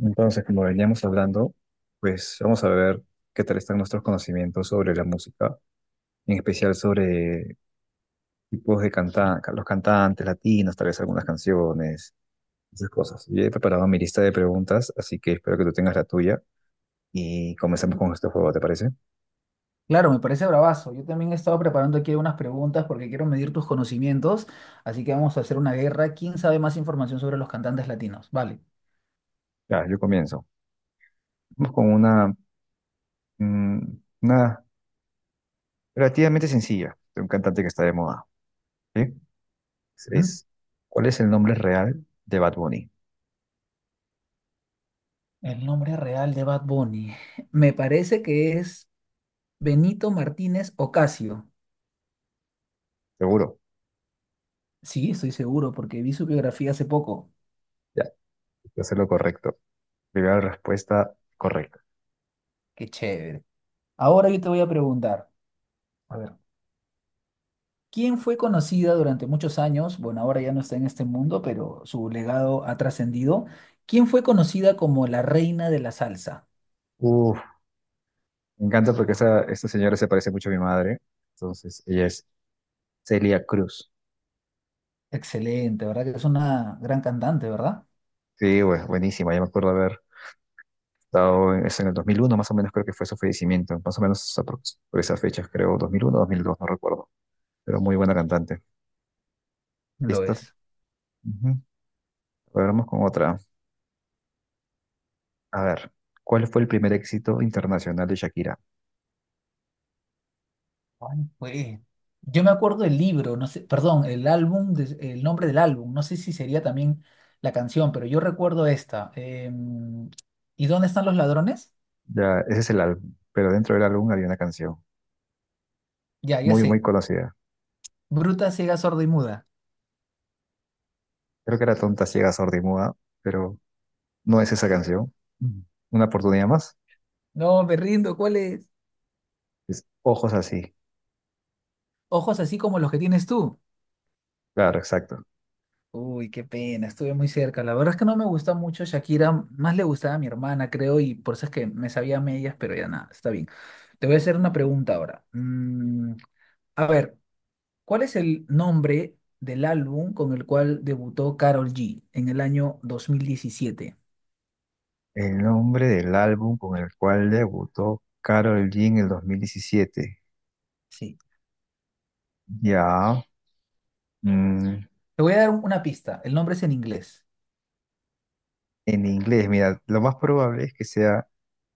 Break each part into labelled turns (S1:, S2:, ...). S1: Entonces, como veníamos hablando, pues vamos a ver qué tal están nuestros conocimientos sobre la música, en especial sobre tipos de cantantes, los cantantes latinos, tal vez algunas canciones, esas cosas. Yo he preparado mi lista de preguntas, así que espero que tú tengas la tuya y comenzamos con este juego, ¿te parece?
S2: Claro, me parece bravazo. Yo también he estado preparando aquí unas preguntas porque quiero medir tus conocimientos, así que vamos a hacer una guerra. ¿Quién sabe más información sobre los cantantes latinos? Vale.
S1: Ya, yo comienzo. Vamos con una, mm, una relativamente sencilla de un cantante que está de moda, ¿sí?
S2: Ujú.
S1: Es, ¿Cuál es el nombre real de Bad Bunny?
S2: El nombre real de Bad Bunny. Me parece que es Benito Martínez Ocasio.
S1: Seguro.
S2: Sí, estoy seguro porque vi su biografía hace poco.
S1: Ya, voy a hacer lo correcto. Primera respuesta correcta.
S2: Qué chévere. Ahora yo te voy a preguntar, a ver, ¿quién fue conocida durante muchos años? Bueno, ahora ya no está en este mundo, pero su legado ha trascendido. ¿Quién fue conocida como la reina de la salsa?
S1: Uf, me encanta porque esta señora se parece mucho a mi madre. Entonces, ella es Celia Cruz.
S2: Excelente, ¿verdad? Que es una gran cantante, ¿verdad?
S1: Sí, bueno, buenísima. Yo me acuerdo haber estado en, es en el 2001, más o menos creo que fue su fallecimiento. Más o menos por esas fechas, creo, 2001, 2002, no recuerdo. Pero muy buena cantante.
S2: Lo
S1: ¿Listo?
S2: es.
S1: Ujú. Ahora vamos con otra. A ver, ¿cuál fue el primer éxito internacional de Shakira?
S2: Ay, güey. Yo me acuerdo del libro, no sé, perdón, el álbum, el nombre del álbum, no sé si sería también la canción, pero yo recuerdo esta. ¿Y dónde están los ladrones?
S1: Ya, ese es el álbum, pero dentro del álbum había una canción
S2: Ya, ya
S1: muy, muy
S2: sé.
S1: conocida.
S2: Bruta, ciega, sorda y muda.
S1: Creo que era Tonta, Ciega, Sorda y Muda, pero no es esa canción. Mm. Una oportunidad más.
S2: No, me rindo, ¿cuál es?
S1: Es Ojos así.
S2: Ojos así como los que tienes tú.
S1: Claro, exacto.
S2: Uy, qué pena, estuve muy cerca. La verdad es que no me gusta mucho Shakira, más le gustaba a mi hermana, creo, y por eso es que me sabía a medias, pero ya nada, está bien. Te voy a hacer una pregunta ahora. A ver, ¿cuál es el nombre del álbum con el cual debutó Karol G en el año 2017?
S1: El nombre del álbum con el cual debutó Karol G en el 2017.
S2: Sí.
S1: Ya. mm,
S2: Te voy a dar una pista. El nombre es en inglés.
S1: en inglés, mira, lo más probable es que sea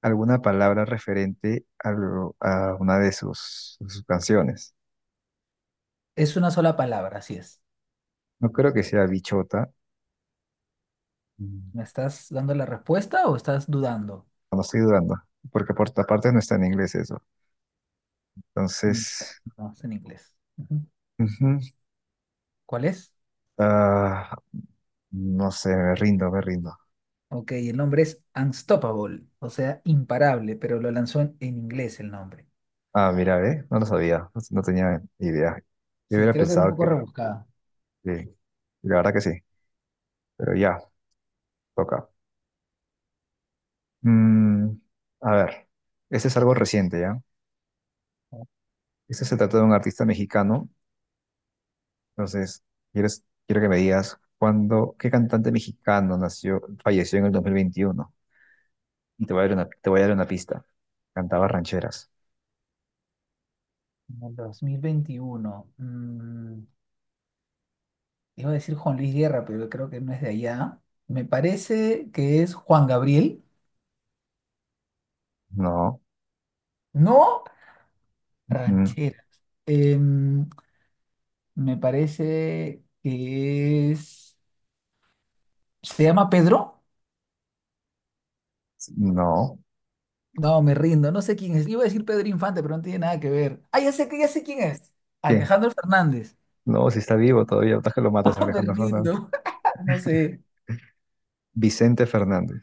S1: alguna palabra referente a, a una de sus canciones.
S2: Es una sola palabra, así es.
S1: No creo que sea bichota. Mm,
S2: ¿Me estás dando la respuesta o estás dudando?
S1: No estoy dudando. Porque por otra parte no está en inglés eso.
S2: Mm,
S1: Entonces,
S2: no, es en inglés. Ujú.
S1: ujú,
S2: ¿Cuál es?
S1: ah, no sé, me rindo, me rindo.
S2: Ok, el nombre es Unstoppable, o sea, imparable, pero lo lanzó en inglés el nombre.
S1: Ah, mira, ¿eh? No lo sabía, no, no tenía idea. Yo
S2: Sí,
S1: hubiera
S2: creo que era un
S1: pensado
S2: poco
S1: que,
S2: rebuscado.
S1: que- la verdad que sí, pero ya, toca. Mm, a ver, este es algo reciente, ¿ya? Este se trata de un artista mexicano, entonces, quiero que me digas cuándo, qué cantante mexicano nació, falleció en el 2021. Y te voy a dar te voy a dar una pista. Cantaba rancheras.
S2: En el 2021 iba a decir Juan Luis Guerra, pero creo que no es de allá. Me parece que es Juan Gabriel.
S1: No,
S2: No,
S1: mm,
S2: rancheras. Em, me parece que es... ¿Se llama Pedro?
S1: no.
S2: No, me rindo. No sé quién es. Iba a decir Pedro Infante, pero no tiene nada que ver. Ah, ya sé, ya sé quién es.
S1: ¿Quién?
S2: Alejandro Fernández.
S1: No, si está vivo todavía, ¿estás que lo matas,
S2: No, me
S1: Alejandro Fernández?
S2: rindo. No sé.
S1: Vicente Fernández.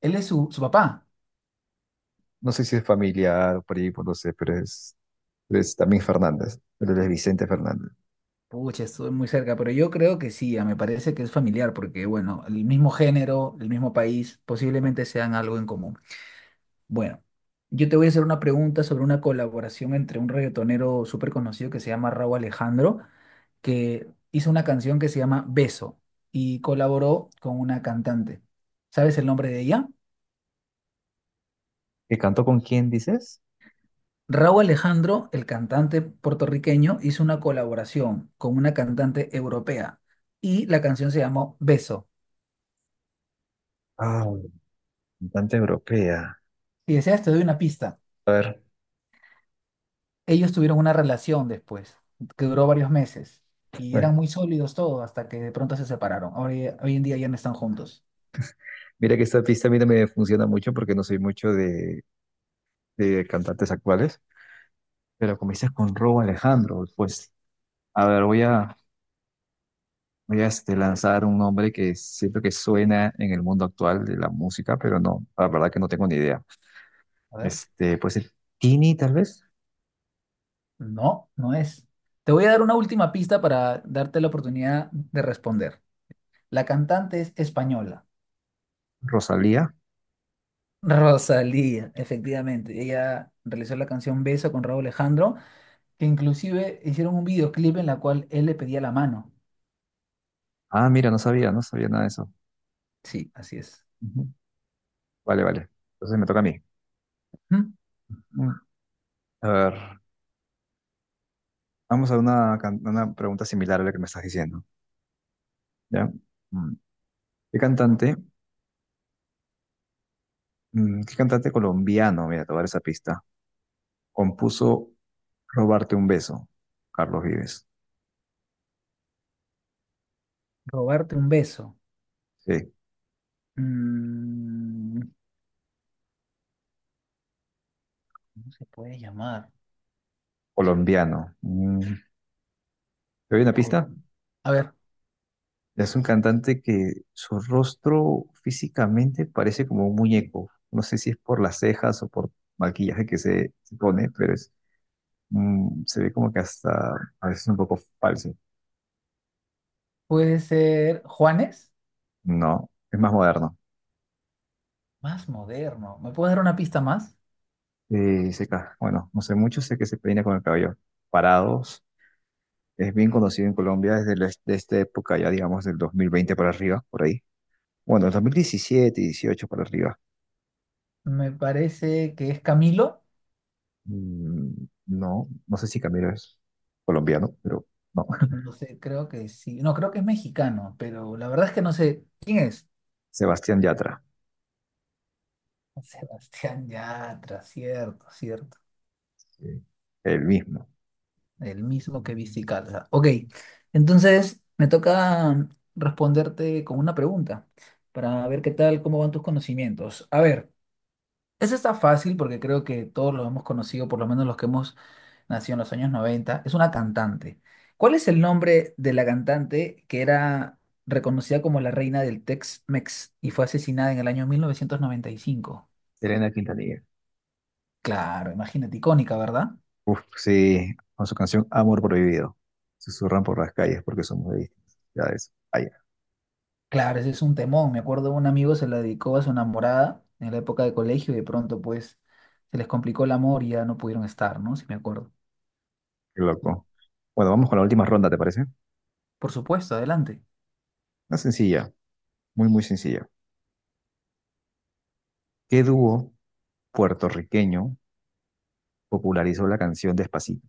S2: Él es su papá.
S1: No sé si es familiar o por primo, no sé, pero es también Fernández, pero es Vicente Fernández.
S2: Pucha, estuve muy cerca, pero yo creo que sí, ah, me parece que es familiar, porque bueno, el mismo género, el mismo país, posiblemente sean algo en común. Bueno, yo te voy a hacer una pregunta sobre una colaboración entre un reggaetonero súper conocido que se llama Rauw Alejandro, que hizo una canción que se llama Beso y colaboró con una cantante. ¿Sabes el nombre de ella?
S1: ¿Que cantó con quién dices?
S2: Rauw Alejandro, el cantante puertorriqueño, hizo una colaboración con una cantante europea y la canción se llamó Beso.
S1: Ah, bueno, cantante europea.
S2: Si deseas, te doy una pista. Ellos tuvieron una relación después, que duró varios meses, y
S1: Bueno,
S2: eran muy sólidos todos hasta que de pronto se separaron. Hoy en día ya no están juntos.
S1: mira que esta pista a mí no me funciona mucho porque no soy mucho de cantantes actuales, pero como dices con Robo Alejandro, pues a ver, voy a lanzar un nombre que siento que suena en el mundo actual de la música, pero no, la verdad que no tengo ni idea.
S2: A ver.
S1: Puede ser Tini tal vez,
S2: No, no es. Te voy a dar una última pista para darte la oportunidad de responder. La cantante es española.
S1: Rosalía.
S2: Rosalía, efectivamente. Ella realizó la canción Beso con Raúl Alejandro, que inclusive hicieron un videoclip en la cual él le pedía la mano.
S1: Ah, mira, no sabía, no sabía nada de eso.
S2: Sí, así es.
S1: Vale, vale. Entonces me toca a mí.
S2: ¿Mm?
S1: Mm. A ver, vamos a una, una pregunta similar a la que me estás diciendo, ¿ya? Mm. ¿Qué cantante, Qué cantante colombiano, mira, te voy a dar esa pista, compuso Robarte un beso, Carlos Vives?
S2: Robarte un beso.
S1: Sí,
S2: Mm, ¿Cómo se puede llamar?
S1: colombiano. Mm. ¿Te doy una
S2: Col-
S1: pista?
S2: A ver,
S1: Es un cantante que su rostro físicamente parece como un muñeco. No sé si es por las cejas o por maquillaje que se pone, pero se ve como que hasta a veces un poco falso.
S2: puede ser Juanes,
S1: No, es más moderno.
S2: más moderno. ¿Me puedes dar una pista más?
S1: Y bueno, no sé mucho, sé que se peina con el cabello parados. Es bien conocido en Colombia desde, de esta época, ya digamos, del 2020 para arriba, por ahí. Bueno, el 2017, 18 para arriba.
S2: Me parece que es Camilo.
S1: Mm, no, no sé si Camilo es colombiano, pero no.
S2: No sé, creo que sí. No, creo que es mexicano, pero la verdad es que no sé quién es.
S1: Sebastián Yatra,
S2: Sebastián Yatra, cierto, cierto.
S1: sí, el mismo.
S2: El mismo que viste calza. Ok, entonces me toca responderte con una pregunta para ver qué tal, cómo van tus conocimientos. A ver. Ese está fácil porque creo que todos lo hemos conocido, por lo menos los que hemos nacido en los años 90. Es una cantante. ¿Cuál es el nombre de la cantante que era reconocida como la reina del Tex-Mex y fue asesinada en el año 1995?
S1: Elena Quintanilla.
S2: Claro, imagínate, icónica, ¿verdad?
S1: Uf, sí, con su canción Amor Prohibido. Susurran por las calles porque somos de ya es, ay,
S2: Claro, ese es un temón. Me acuerdo un amigo se la dedicó a su enamorada en la época de colegio y de pronto pues se les complicó el amor y ya no pudieron estar, ¿no? Si me acuerdo.
S1: qué loco. Bueno, vamos con la última ronda, ¿te parece?
S2: Por supuesto, adelante.
S1: Una sencilla, muy, muy sencilla. ¿Qué dúo puertorriqueño popularizó la canción Despacito?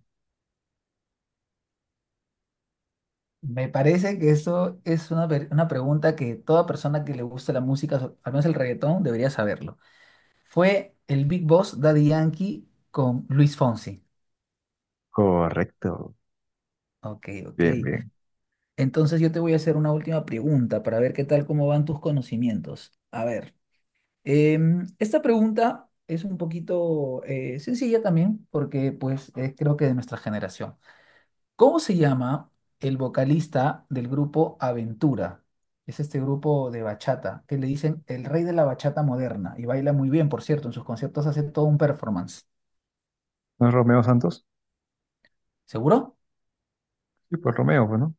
S2: Me parece que eso es una pregunta que toda persona que le gusta la música, al menos el reggaetón, debería saberlo. Fue el Big Boss Daddy Yankee con Luis Fonsi.
S1: Correcto.
S2: Ok, ok.
S1: Bien, bien.
S2: Entonces yo te voy a hacer una última pregunta para ver qué tal cómo van tus conocimientos. A ver, esta pregunta es un poquito sencilla también porque pues es creo que de nuestra generación. ¿Cómo se llama el vocalista del grupo Aventura? Es este grupo de bachata que le dicen el rey de la bachata moderna y baila muy bien, por cierto, en sus conciertos hace todo un performance.
S1: ¿No es Romeo Santos?
S2: ¿Seguro?
S1: Sí, pues Romeo, pues, ¿no?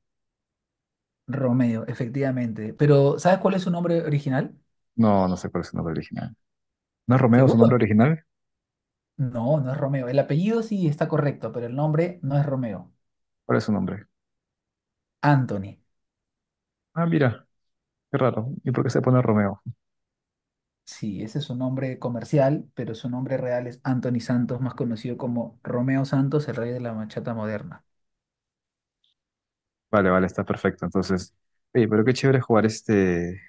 S2: Romeo, efectivamente. Pero ¿sabes cuál es su nombre original?
S1: No, no sé cuál es su nombre original. ¿No es Romeo su nombre
S2: ¿Seguro?
S1: original?
S2: No, no es Romeo. El apellido sí está correcto, pero el nombre no es Romeo.
S1: ¿Cuál es su nombre?
S2: Anthony.
S1: Ah, mira, qué raro. ¿Y por qué se pone Romeo?
S2: Sí, ese es su nombre comercial, pero su nombre real es Anthony Santos, más conocido como Romeo Santos, el rey de la bachata moderna.
S1: Vale, vale, está perfecto. Entonces, oye, pero qué chévere jugar este,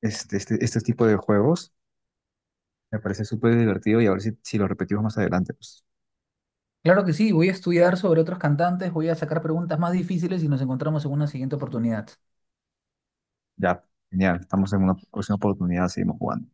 S1: este, este, este tipo de juegos. Me parece súper divertido y a ver si lo repetimos más adelante. Pues
S2: Claro que sí, voy a estudiar sobre otros cantantes, voy a sacar preguntas más difíciles y nos encontramos en una siguiente oportunidad.
S1: ya, genial. Estamos en una próxima oportunidad, seguimos jugando.